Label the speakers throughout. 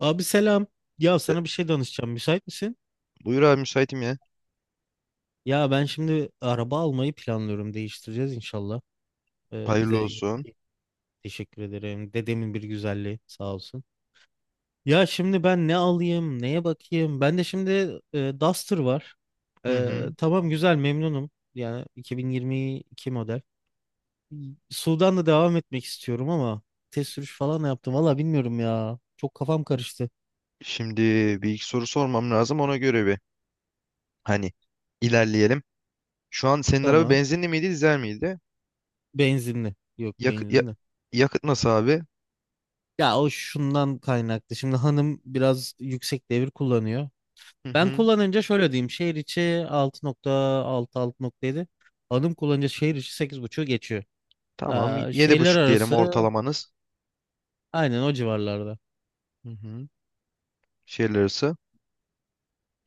Speaker 1: Abi selam. Ya
Speaker 2: E,
Speaker 1: sana bir şey danışacağım. Müsait misin?
Speaker 2: Buyur abi, müsaitim ya.
Speaker 1: Ya ben şimdi araba almayı planlıyorum. Değiştireceğiz inşallah. Ee,
Speaker 2: Hayırlı
Speaker 1: bize
Speaker 2: olsun.
Speaker 1: teşekkür ederim. Dedemin bir güzelliği sağ olsun. Ya şimdi ben ne alayım? Neye bakayım? Ben de şimdi Duster var.
Speaker 2: Hı
Speaker 1: Ee,
Speaker 2: hı.
Speaker 1: tamam güzel memnunum. Yani 2022 model. Sudan'da devam etmek istiyorum ama test sürüş falan da yaptım. Valla bilmiyorum ya. Çok kafam karıştı.
Speaker 2: Şimdi bir iki soru sormam lazım, ona göre bir hani ilerleyelim. Şu an senin araba
Speaker 1: Tamam.
Speaker 2: benzinli miydi, dizel miydi?
Speaker 1: Benzinli. Yok,
Speaker 2: Yak ya-
Speaker 1: benzinli.
Speaker 2: Yakıt nasıl abi?
Speaker 1: Ya o şundan kaynaklı. Şimdi hanım biraz yüksek devir kullanıyor.
Speaker 2: Hı
Speaker 1: Ben
Speaker 2: hı.
Speaker 1: kullanınca şöyle diyeyim. Şehir içi 6,6, 6,7. Hanım kullanınca şehir içi 8,5'u geçiyor.
Speaker 2: Tamam.
Speaker 1: Aa,
Speaker 2: Yedi
Speaker 1: şehirler
Speaker 2: buçuk diyelim
Speaker 1: arası
Speaker 2: ortalamanız.
Speaker 1: aynen o civarlarda.
Speaker 2: Hı hı. Şehirler arası.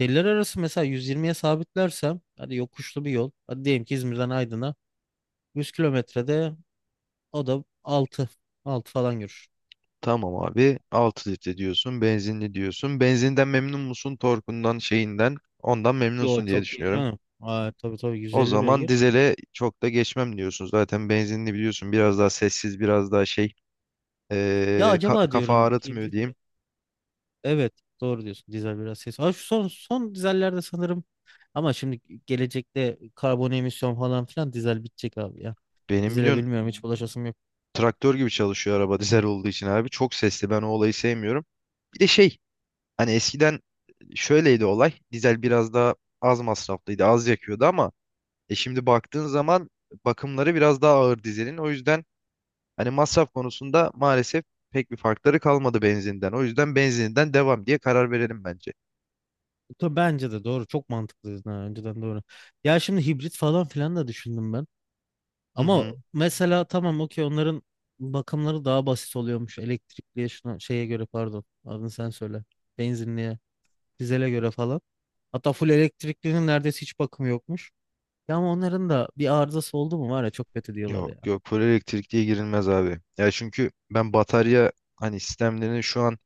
Speaker 1: Şehirler arası mesela 120'ye sabitlersem hadi yokuşlu bir yol. Hadi diyelim ki İzmir'den Aydın'a 100 kilometrede o da 6, 6 falan görür.
Speaker 2: Tamam abi, 6 litre diyorsun. Benzinli diyorsun. Benzinden memnun musun? Torkundan, şeyinden. Ondan
Speaker 1: Yo,
Speaker 2: memnunsun diye
Speaker 1: çok iyi
Speaker 2: düşünüyorum.
Speaker 1: canım. Aa, tabii tabii,
Speaker 2: O
Speaker 1: 150
Speaker 2: zaman
Speaker 1: beygir.
Speaker 2: dizele çok da geçmem diyorsun. Zaten benzinli biliyorsun, biraz daha sessiz, biraz daha şey...
Speaker 1: Ya acaba
Speaker 2: Kafa
Speaker 1: diyorum
Speaker 2: ağrıtmıyor
Speaker 1: hibrit mi?
Speaker 2: diyeyim.
Speaker 1: Evet, doğru diyorsun. Dizel biraz ses. Ha, şu son dizellerde sanırım, ama şimdi gelecekte karbon emisyon falan filan dizel bitecek abi ya.
Speaker 2: Benim
Speaker 1: Dizele
Speaker 2: biliyorsun
Speaker 1: bilmiyorum, hiç bulaşasım yok.
Speaker 2: traktör gibi çalışıyor araba dizel olduğu için abi. Çok sesli, ben o olayı sevmiyorum. Bir de şey, hani eskiden şöyleydi olay. Dizel biraz daha az masraflıydı, az yakıyordu ama şimdi baktığın zaman bakımları biraz daha ağır dizelin. O yüzden hani masraf konusunda maalesef pek bir farkları kalmadı benzinden. O yüzden benzininden devam diye karar verelim bence.
Speaker 1: Tabii, bence de doğru. Çok mantıklı ha, önceden doğru. Ya şimdi hibrit falan filan da düşündüm ben.
Speaker 2: Hı
Speaker 1: Ama
Speaker 2: hı.
Speaker 1: mesela tamam, okey, onların bakımları daha basit oluyormuş. Elektrikliye şuna şeye göre, pardon, adını sen söyle. Benzinliye, dizele göre falan. Hatta full elektriklinin neredeyse hiç bakımı yokmuş. Ya ama onların da bir arızası oldu mu var ya, çok kötü diyorlar
Speaker 2: Yok
Speaker 1: ya.
Speaker 2: yok, full elektrikliye girilmez abi. Ya çünkü ben batarya hani sistemlerini şu an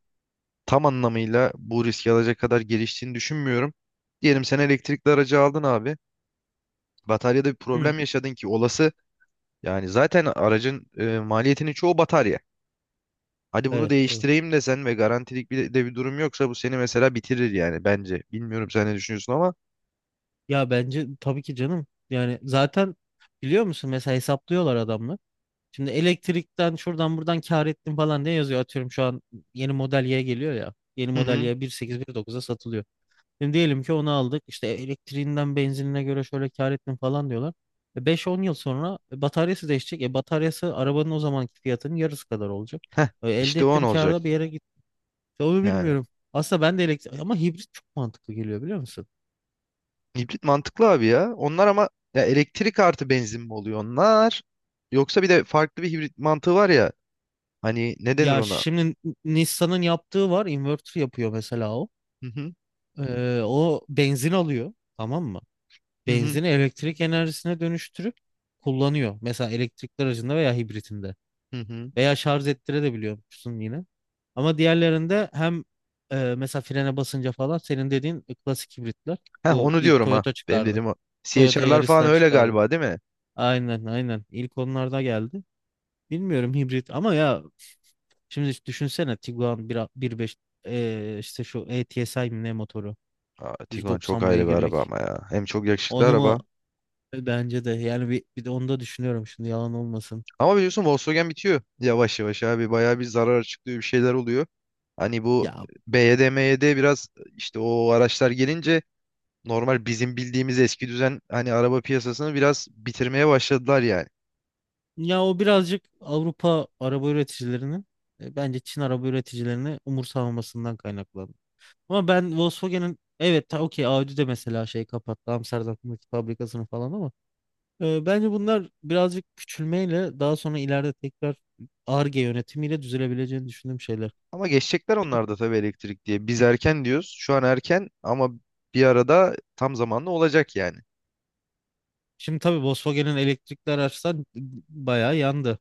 Speaker 2: tam anlamıyla bu riski alacak kadar geliştiğini düşünmüyorum. Diyelim sen elektrikli aracı aldın abi. Bataryada bir
Speaker 1: Hı,
Speaker 2: problem yaşadın ki olası. Yani zaten aracın maliyetinin çoğu batarya. Hadi bunu
Speaker 1: evet doğru.
Speaker 2: değiştireyim desen ve garantilik bir de bir durum yoksa bu seni mesela bitirir yani bence. Bilmiyorum sen ne düşünüyorsun ama.
Speaker 1: Ya bence tabii ki canım. Yani zaten biliyor musun, mesela hesaplıyorlar adamlar. Şimdi elektrikten şuradan buradan kar ettim falan diye yazıyor. Atıyorum, şu an yeni model Y geliyor ya. Yeni
Speaker 2: Hı
Speaker 1: model
Speaker 2: hı.
Speaker 1: Y 1,8 dokuz'a satılıyor. Şimdi diyelim ki onu aldık. İşte elektriğinden benzinine göre şöyle kar ettim falan diyorlar. 5-10 yıl sonra bataryası değişecek. Bataryası arabanın o zamanki fiyatının yarısı kadar olacak.
Speaker 2: Heh,
Speaker 1: Elde
Speaker 2: işte o an
Speaker 1: ettiğim
Speaker 2: olacak
Speaker 1: karda bir yere gitti. Onu
Speaker 2: yani.
Speaker 1: bilmiyorum. Aslında ben de elektrik ama hibrit çok mantıklı geliyor, biliyor musun?
Speaker 2: Hibrit mantıklı abi ya. Onlar ama, ya elektrik artı benzin mi oluyor onlar? Yoksa bir de farklı bir hibrit mantığı var ya. Hani ne denir
Speaker 1: Ya
Speaker 2: ona?
Speaker 1: şimdi Nissan'ın yaptığı var. Inverter yapıyor mesela o.
Speaker 2: Hı hı.
Speaker 1: O benzin alıyor. Tamam mı?
Speaker 2: Hı hı.
Speaker 1: Benzini elektrik enerjisine dönüştürüp kullanıyor. Mesela elektrikli aracında veya hibritinde.
Speaker 2: Hı hı.
Speaker 1: Veya şarj ettirebiliyormuşsun yine. Ama diğerlerinde hem mesela frene basınca falan, senin dediğin klasik hibritler.
Speaker 2: Heh,
Speaker 1: Bu
Speaker 2: onu
Speaker 1: ilk
Speaker 2: diyorum ha.
Speaker 1: Toyota
Speaker 2: Benim
Speaker 1: çıkardı.
Speaker 2: dediğim o.
Speaker 1: Toyota
Speaker 2: CHR'lar falan
Speaker 1: Yaris'ler
Speaker 2: öyle
Speaker 1: çıkardı.
Speaker 2: galiba, değil mi?
Speaker 1: Aynen aynen. İlk onlarda geldi. Bilmiyorum, hibrit ama ya şimdi düşünsene, Tiguan bir 1,5, işte şu ATSI mi ne motoru,
Speaker 2: Aa, Tiguan çok
Speaker 1: 190
Speaker 2: ayrı bir araba
Speaker 1: beygirlik.
Speaker 2: ama ya. Hem çok yakışıklı
Speaker 1: Onu mu?
Speaker 2: araba.
Speaker 1: Bence de yani bir de onu da düşünüyorum şimdi, yalan olmasın.
Speaker 2: Ama biliyorsun Volkswagen bitiyor. Yavaş yavaş abi. Bayağı bir zarar açıklıyor, bir şeyler oluyor. Hani bu
Speaker 1: Ya
Speaker 2: BYD, MYD biraz, işte o araçlar gelince normal bizim bildiğimiz eski düzen hani araba piyasasını biraz bitirmeye başladılar yani.
Speaker 1: Ya o birazcık Avrupa araba üreticilerinin bence Çin araba üreticilerini umursamamasından kaynaklandı. Ama ben Volkswagen'in, evet okey Audi de mesela şey, kapattı Amsterdam'daki fabrikasını falan, ama bence bunlar birazcık küçülmeyle daha sonra ileride tekrar Ar-Ge yönetimiyle düzelebileceğini düşündüğüm şeyler.
Speaker 2: Ama geçecekler onlar da tabii elektrik diye. Biz erken diyoruz. Şu an erken ama bir arada tam zamanlı olacak yani.
Speaker 1: Şimdi tabii Volkswagen'in elektrikli araçtan bayağı yandı.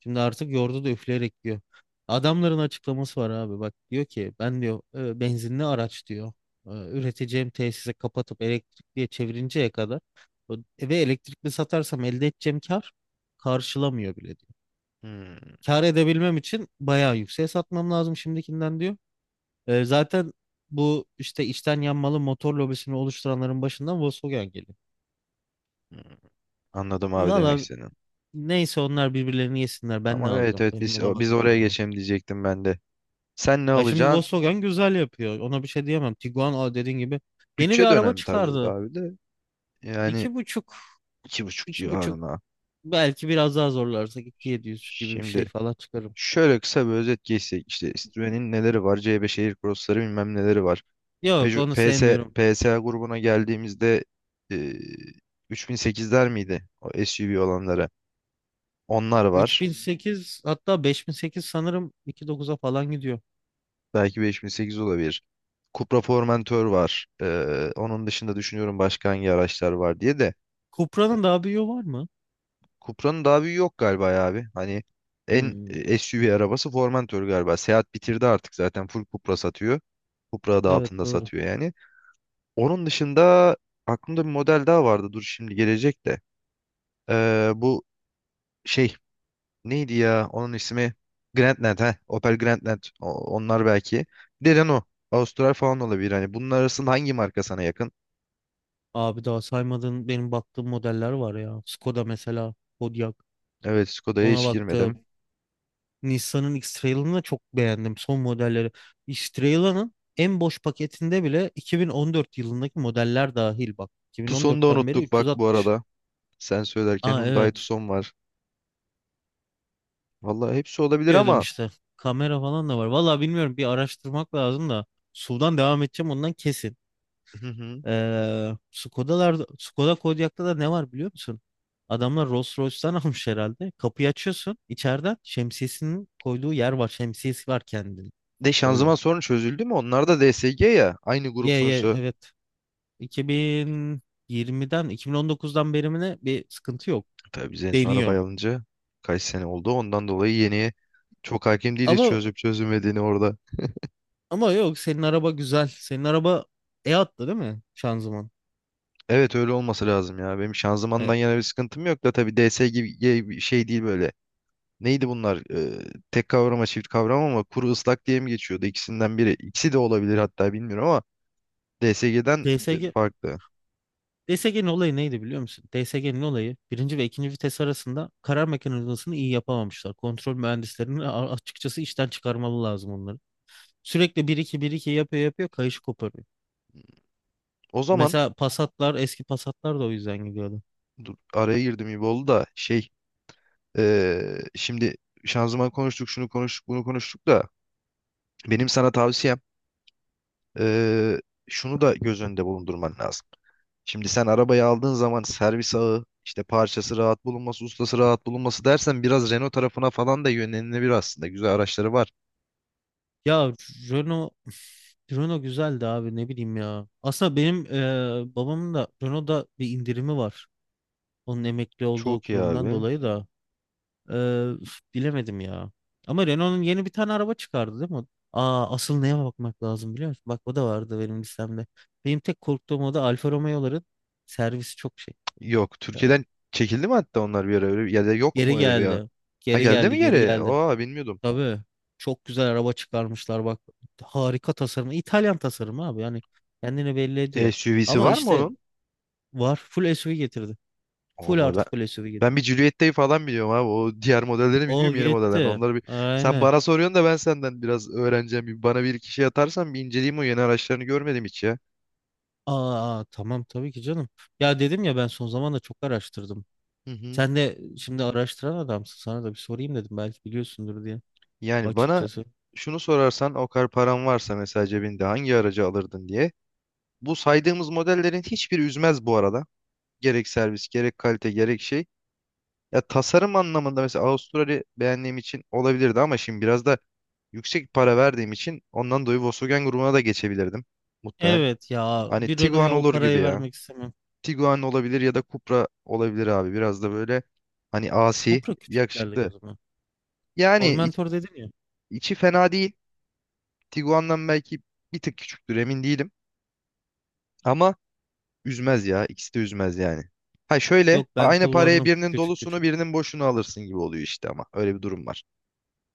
Speaker 1: Şimdi artık yoğurdu da üfleyerek diyor. Adamların açıklaması var abi. Bak, diyor ki ben diyor, benzinli araç diyor, üreteceğim tesise kapatıp elektrikliye çevirinceye kadar o- ve elektrikli satarsam elde edeceğim kar karşılamıyor bile diyor.
Speaker 2: Hmm,
Speaker 1: Kar edebilmem için bayağı yükseğe satmam lazım şimdikinden diyor. Zaten bu işte içten yanmalı motor lobisini oluşturanların başından Volkswagen geliyor.
Speaker 2: hmm. Anladım abi demek
Speaker 1: Valla,
Speaker 2: seni.
Speaker 1: neyse, onlar birbirlerini yesinler. Ben ne
Speaker 2: Ama evet
Speaker 1: alacağım?
Speaker 2: evet,
Speaker 1: Benim
Speaker 2: biz
Speaker 1: ona
Speaker 2: biz
Speaker 1: bakmam
Speaker 2: oraya
Speaker 1: lazım.
Speaker 2: geçelim diyecektim ben de. Sen ne
Speaker 1: Ya şimdi
Speaker 2: alacaksın?
Speaker 1: Volkswagen güzel yapıyor. Ona bir şey diyemem. Tiguan, o dediğin gibi, yeni bir
Speaker 2: Bütçe
Speaker 1: araba
Speaker 2: dönemi tabii burada
Speaker 1: çıkardı.
Speaker 2: abi de. Yani
Speaker 1: İki buçuk,
Speaker 2: iki buçuk
Speaker 1: iki buçuk
Speaker 2: civarına.
Speaker 1: belki biraz daha zorlarsak iki yedi yüz gibi bir
Speaker 2: Şimdi
Speaker 1: şey falan çıkarım.
Speaker 2: şöyle kısa bir özet geçsek. İşte Citroen'in neleri var? C5 Air Cross'ları bilmem neleri var.
Speaker 1: Yok,
Speaker 2: Peugeot,
Speaker 1: onu
Speaker 2: PS,
Speaker 1: sevmiyorum.
Speaker 2: PSA grubuna geldiğimizde e, 3008'ler miydi? O SUV olanlara. Onlar
Speaker 1: Üç
Speaker 2: var.
Speaker 1: bin sekiz hatta 5008 sanırım iki dokuz'a falan gidiyor.
Speaker 2: Belki 5008 olabilir. Cupra Formentor var. Onun dışında düşünüyorum başka hangi araçlar var diye de.
Speaker 1: Cupra'nın daha büyüğü var mı?
Speaker 2: Cupra'nın daha büyüğü yok galiba ya abi. Hani en
Speaker 1: Hmm,
Speaker 2: SUV arabası Formentor galiba. Seat bitirdi artık, zaten full Cupra satıyor. Cupra adı
Speaker 1: evet
Speaker 2: altında
Speaker 1: doğru.
Speaker 2: satıyor yani. Onun dışında aklımda bir model daha vardı. Dur şimdi gelecek de. Bu şey neydi ya? Onun ismi Grandland. Heh, Opel Grandland. Onlar belki. Bir de Renault. Austral falan olabilir. Hani bunun arasında hangi marka sana yakın?
Speaker 1: Abi, daha saymadığın benim baktığım modeller var ya. Skoda mesela, Kodiaq.
Speaker 2: Evet Skoda'ya
Speaker 1: Ona
Speaker 2: hiç
Speaker 1: baktım.
Speaker 2: girmedim.
Speaker 1: Nissan'ın X-Trail'ını da çok beğendim, son modelleri. X-Trail'ın en boş paketinde bile 2014 yılındaki modeller dahil bak.
Speaker 2: Tucson'u da
Speaker 1: 2014'ten beri
Speaker 2: unuttuk bak bu
Speaker 1: 360.
Speaker 2: arada. Sen söylerken
Speaker 1: Aa
Speaker 2: Hyundai
Speaker 1: evet,
Speaker 2: Tucson var. Vallahi hepsi olabilir
Speaker 1: diyordum
Speaker 2: ama...
Speaker 1: işte. Kamera falan da var. Vallahi bilmiyorum, bir araştırmak lazım da. Sudan devam edeceğim, ondan kesin.
Speaker 2: Hı hı.
Speaker 1: Skoda'larda, Skoda Kodiaq'ta da ne var biliyor musun? Adamlar Rolls Royce'tan almış herhalde. Kapıyı açıyorsun, içeriden şemsiyesinin koyduğu yer var. Şemsiyesi var kendini.
Speaker 2: De şanzıman
Speaker 1: Böyle.
Speaker 2: sorunu çözüldü mü? Onlar da DSG ya. Aynı grup
Speaker 1: Ye ye
Speaker 2: sonuçta.
Speaker 1: evet. 2020'den 2019'dan beri mi ne bir sıkıntı yok
Speaker 2: Tabii biz en son
Speaker 1: deniyor.
Speaker 2: arabayı alınca kaç sene oldu. Ondan dolayı yeniye çok hakim değiliz,
Speaker 1: Ama
Speaker 2: çözüp çözülmediğini orada.
Speaker 1: ama yok, senin araba güzel. Senin araba attı değil mi şanzıman?
Speaker 2: Evet öyle olması lazım ya. Benim şanzımandan
Speaker 1: E,
Speaker 2: yana bir sıkıntım yok da tabii DS gibi gibi bir şey değil böyle. Neydi bunlar? Tek kavrama çift kavrama ama kuru ıslak diye mi geçiyordu? İkisinden biri. İkisi de olabilir hatta, bilmiyorum ama DSG'den farklı.
Speaker 1: DSG DSG'nin olayı neydi biliyor musun? DSG'nin olayı, birinci ve ikinci vites arasında karar mekanizmasını iyi yapamamışlar. Kontrol mühendislerini açıkçası işten çıkarmalı lazım onları. Sürekli bir iki, bir iki yapıyor, kayışı koparıyor.
Speaker 2: O zaman
Speaker 1: Mesela Passat'lar, eski Passat'lar da o yüzden gidiyordu.
Speaker 2: dur, araya girdim gibi oldu da şey... Şimdi şanzıman konuştuk, şunu konuştuk, bunu konuştuk da benim sana tavsiyem, ee, şunu da göz önünde bulundurman lazım. Şimdi sen arabayı aldığın zaman servis ağı, işte parçası rahat bulunması, ustası rahat bulunması dersen biraz Renault tarafına falan da yönlenilebilir aslında. Güzel araçları var.
Speaker 1: Ya Renault Renault güzeldi abi, ne bileyim ya. Aslında benim babamın da Renault'da bir indirimi var. Onun emekli olduğu
Speaker 2: Çok iyi
Speaker 1: kurumdan
Speaker 2: abi.
Speaker 1: dolayı da üf, bilemedim ya. Ama Renault'un yeni bir tane araba çıkardı değil mi? Aa, asıl neye bakmak lazım biliyor musun? Bak, o da vardı benim listemde. Benim tek korktuğum, o da Alfa Romeo'ların servisi çok şey.
Speaker 2: Yok,
Speaker 1: Eee,
Speaker 2: Türkiye'den çekildi mi hatta onlar bir ara, öyle ya da yok
Speaker 1: geri
Speaker 2: mu öyle bir ya?
Speaker 1: geldi.
Speaker 2: Ha
Speaker 1: Geri
Speaker 2: geldi mi
Speaker 1: geldi, geri
Speaker 2: geri?
Speaker 1: geldi.
Speaker 2: Oha, bilmiyordum.
Speaker 1: Tabii. Çok güzel araba çıkarmışlar bak. Harika tasarımı. İtalyan tasarımı abi. Yani kendini belli ediyor.
Speaker 2: SUV'si
Speaker 1: Ama
Speaker 2: var
Speaker 1: işte
Speaker 2: mı?
Speaker 1: var. Full SUV getirdi. Full
Speaker 2: Vallahi ben,
Speaker 1: artı full SUV
Speaker 2: ben
Speaker 1: getirdi.
Speaker 2: bir Juliet'teyi falan biliyorum abi. O diğer modelleri
Speaker 1: O
Speaker 2: bilmiyorum, yeni modellerini.
Speaker 1: gitti.
Speaker 2: Onları bir sen
Speaker 1: Aynen.
Speaker 2: bana soruyorsun da ben senden biraz öğreneceğim. Bana bir iki şey atarsan bir inceleyeyim, o yeni araçlarını görmedim hiç ya.
Speaker 1: Aa, tamam tabii ki canım. Ya dedim ya, ben son zamanda çok araştırdım.
Speaker 2: Hı hı.
Speaker 1: Sen de şimdi araştıran adamsın. Sana da bir sorayım dedim, belki biliyorsundur diye,
Speaker 2: Yani bana
Speaker 1: açıkçası.
Speaker 2: şunu sorarsan o kadar paran varsa mesela cebinde hangi aracı alırdın diye. Bu saydığımız modellerin hiçbiri üzmez bu arada. Gerek servis, gerek kalite, gerek şey. Ya tasarım anlamında mesela Avustralya beğendiğim için olabilirdi ama şimdi biraz da yüksek para verdiğim için ondan dolayı Volkswagen grubuna da geçebilirdim muhtemelen.
Speaker 1: Evet ya,
Speaker 2: Hani
Speaker 1: bir
Speaker 2: Tiguan
Speaker 1: Renault'ya o
Speaker 2: olur gibi
Speaker 1: parayı
Speaker 2: ya.
Speaker 1: vermek istemem.
Speaker 2: Tiguan olabilir ya da Cupra olabilir abi. Biraz da böyle, hani asi,
Speaker 1: Cupra küçük geldi
Speaker 2: yakışıklı.
Speaker 1: gözüme.
Speaker 2: Yani
Speaker 1: Formentor dedin ya.
Speaker 2: içi fena değil. Tiguan'dan belki bir tık küçüktür, emin değilim. Ama üzmez ya. İkisi de üzmez yani. Ha şöyle
Speaker 1: Yok, ben
Speaker 2: aynı paraya
Speaker 1: kullandım.
Speaker 2: birinin
Speaker 1: Küçük
Speaker 2: dolusunu
Speaker 1: küçük.
Speaker 2: birinin boşunu alırsın gibi oluyor işte, ama öyle bir durum var.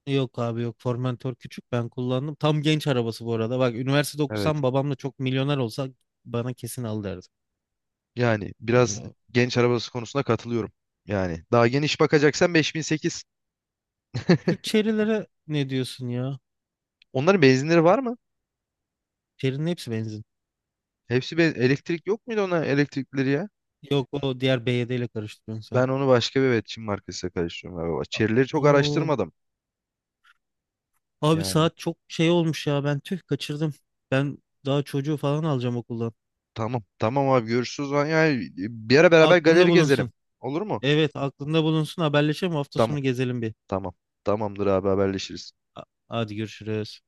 Speaker 1: Yok abi yok, Formentor küçük, ben kullandım. Tam genç arabası bu arada. Bak, üniversitede
Speaker 2: Evet.
Speaker 1: okusam, babamla çok milyoner olsa bana kesin al derdi.
Speaker 2: Yani
Speaker 1: Yani
Speaker 2: biraz genç arabası konusunda katılıyorum. Yani daha geniş bakacaksan 5008.
Speaker 1: şu Chery'lere ne diyorsun ya?
Speaker 2: Onların benzinleri var mı?
Speaker 1: Chery'nin hepsi benzin.
Speaker 2: Hepsi, ben elektrik yok muydu ona elektrikleri ya?
Speaker 1: Yok, o diğer BYD ile karıştırıyorsun sen.
Speaker 2: Ben onu başka bir evet Çin markasıyla karıştırıyorum galiba. Çerileri çok
Speaker 1: Oo,
Speaker 2: araştırmadım.
Speaker 1: abi
Speaker 2: Yani
Speaker 1: saat çok şey olmuş ya, ben tüh kaçırdım. Ben daha çocuğu falan alacağım okuldan.
Speaker 2: tamam tamam abi görüşürüz. Lan. Yani bir ara beraber
Speaker 1: Aklında
Speaker 2: galeri gezelim.
Speaker 1: bulunsun.
Speaker 2: Olur mu?
Speaker 1: Evet, aklında bulunsun, haberleşelim hafta
Speaker 2: Tamam
Speaker 1: sonu gezelim bir.
Speaker 2: tamam. Tamamdır abi haberleşiriz.
Speaker 1: Hadi görüşürüz.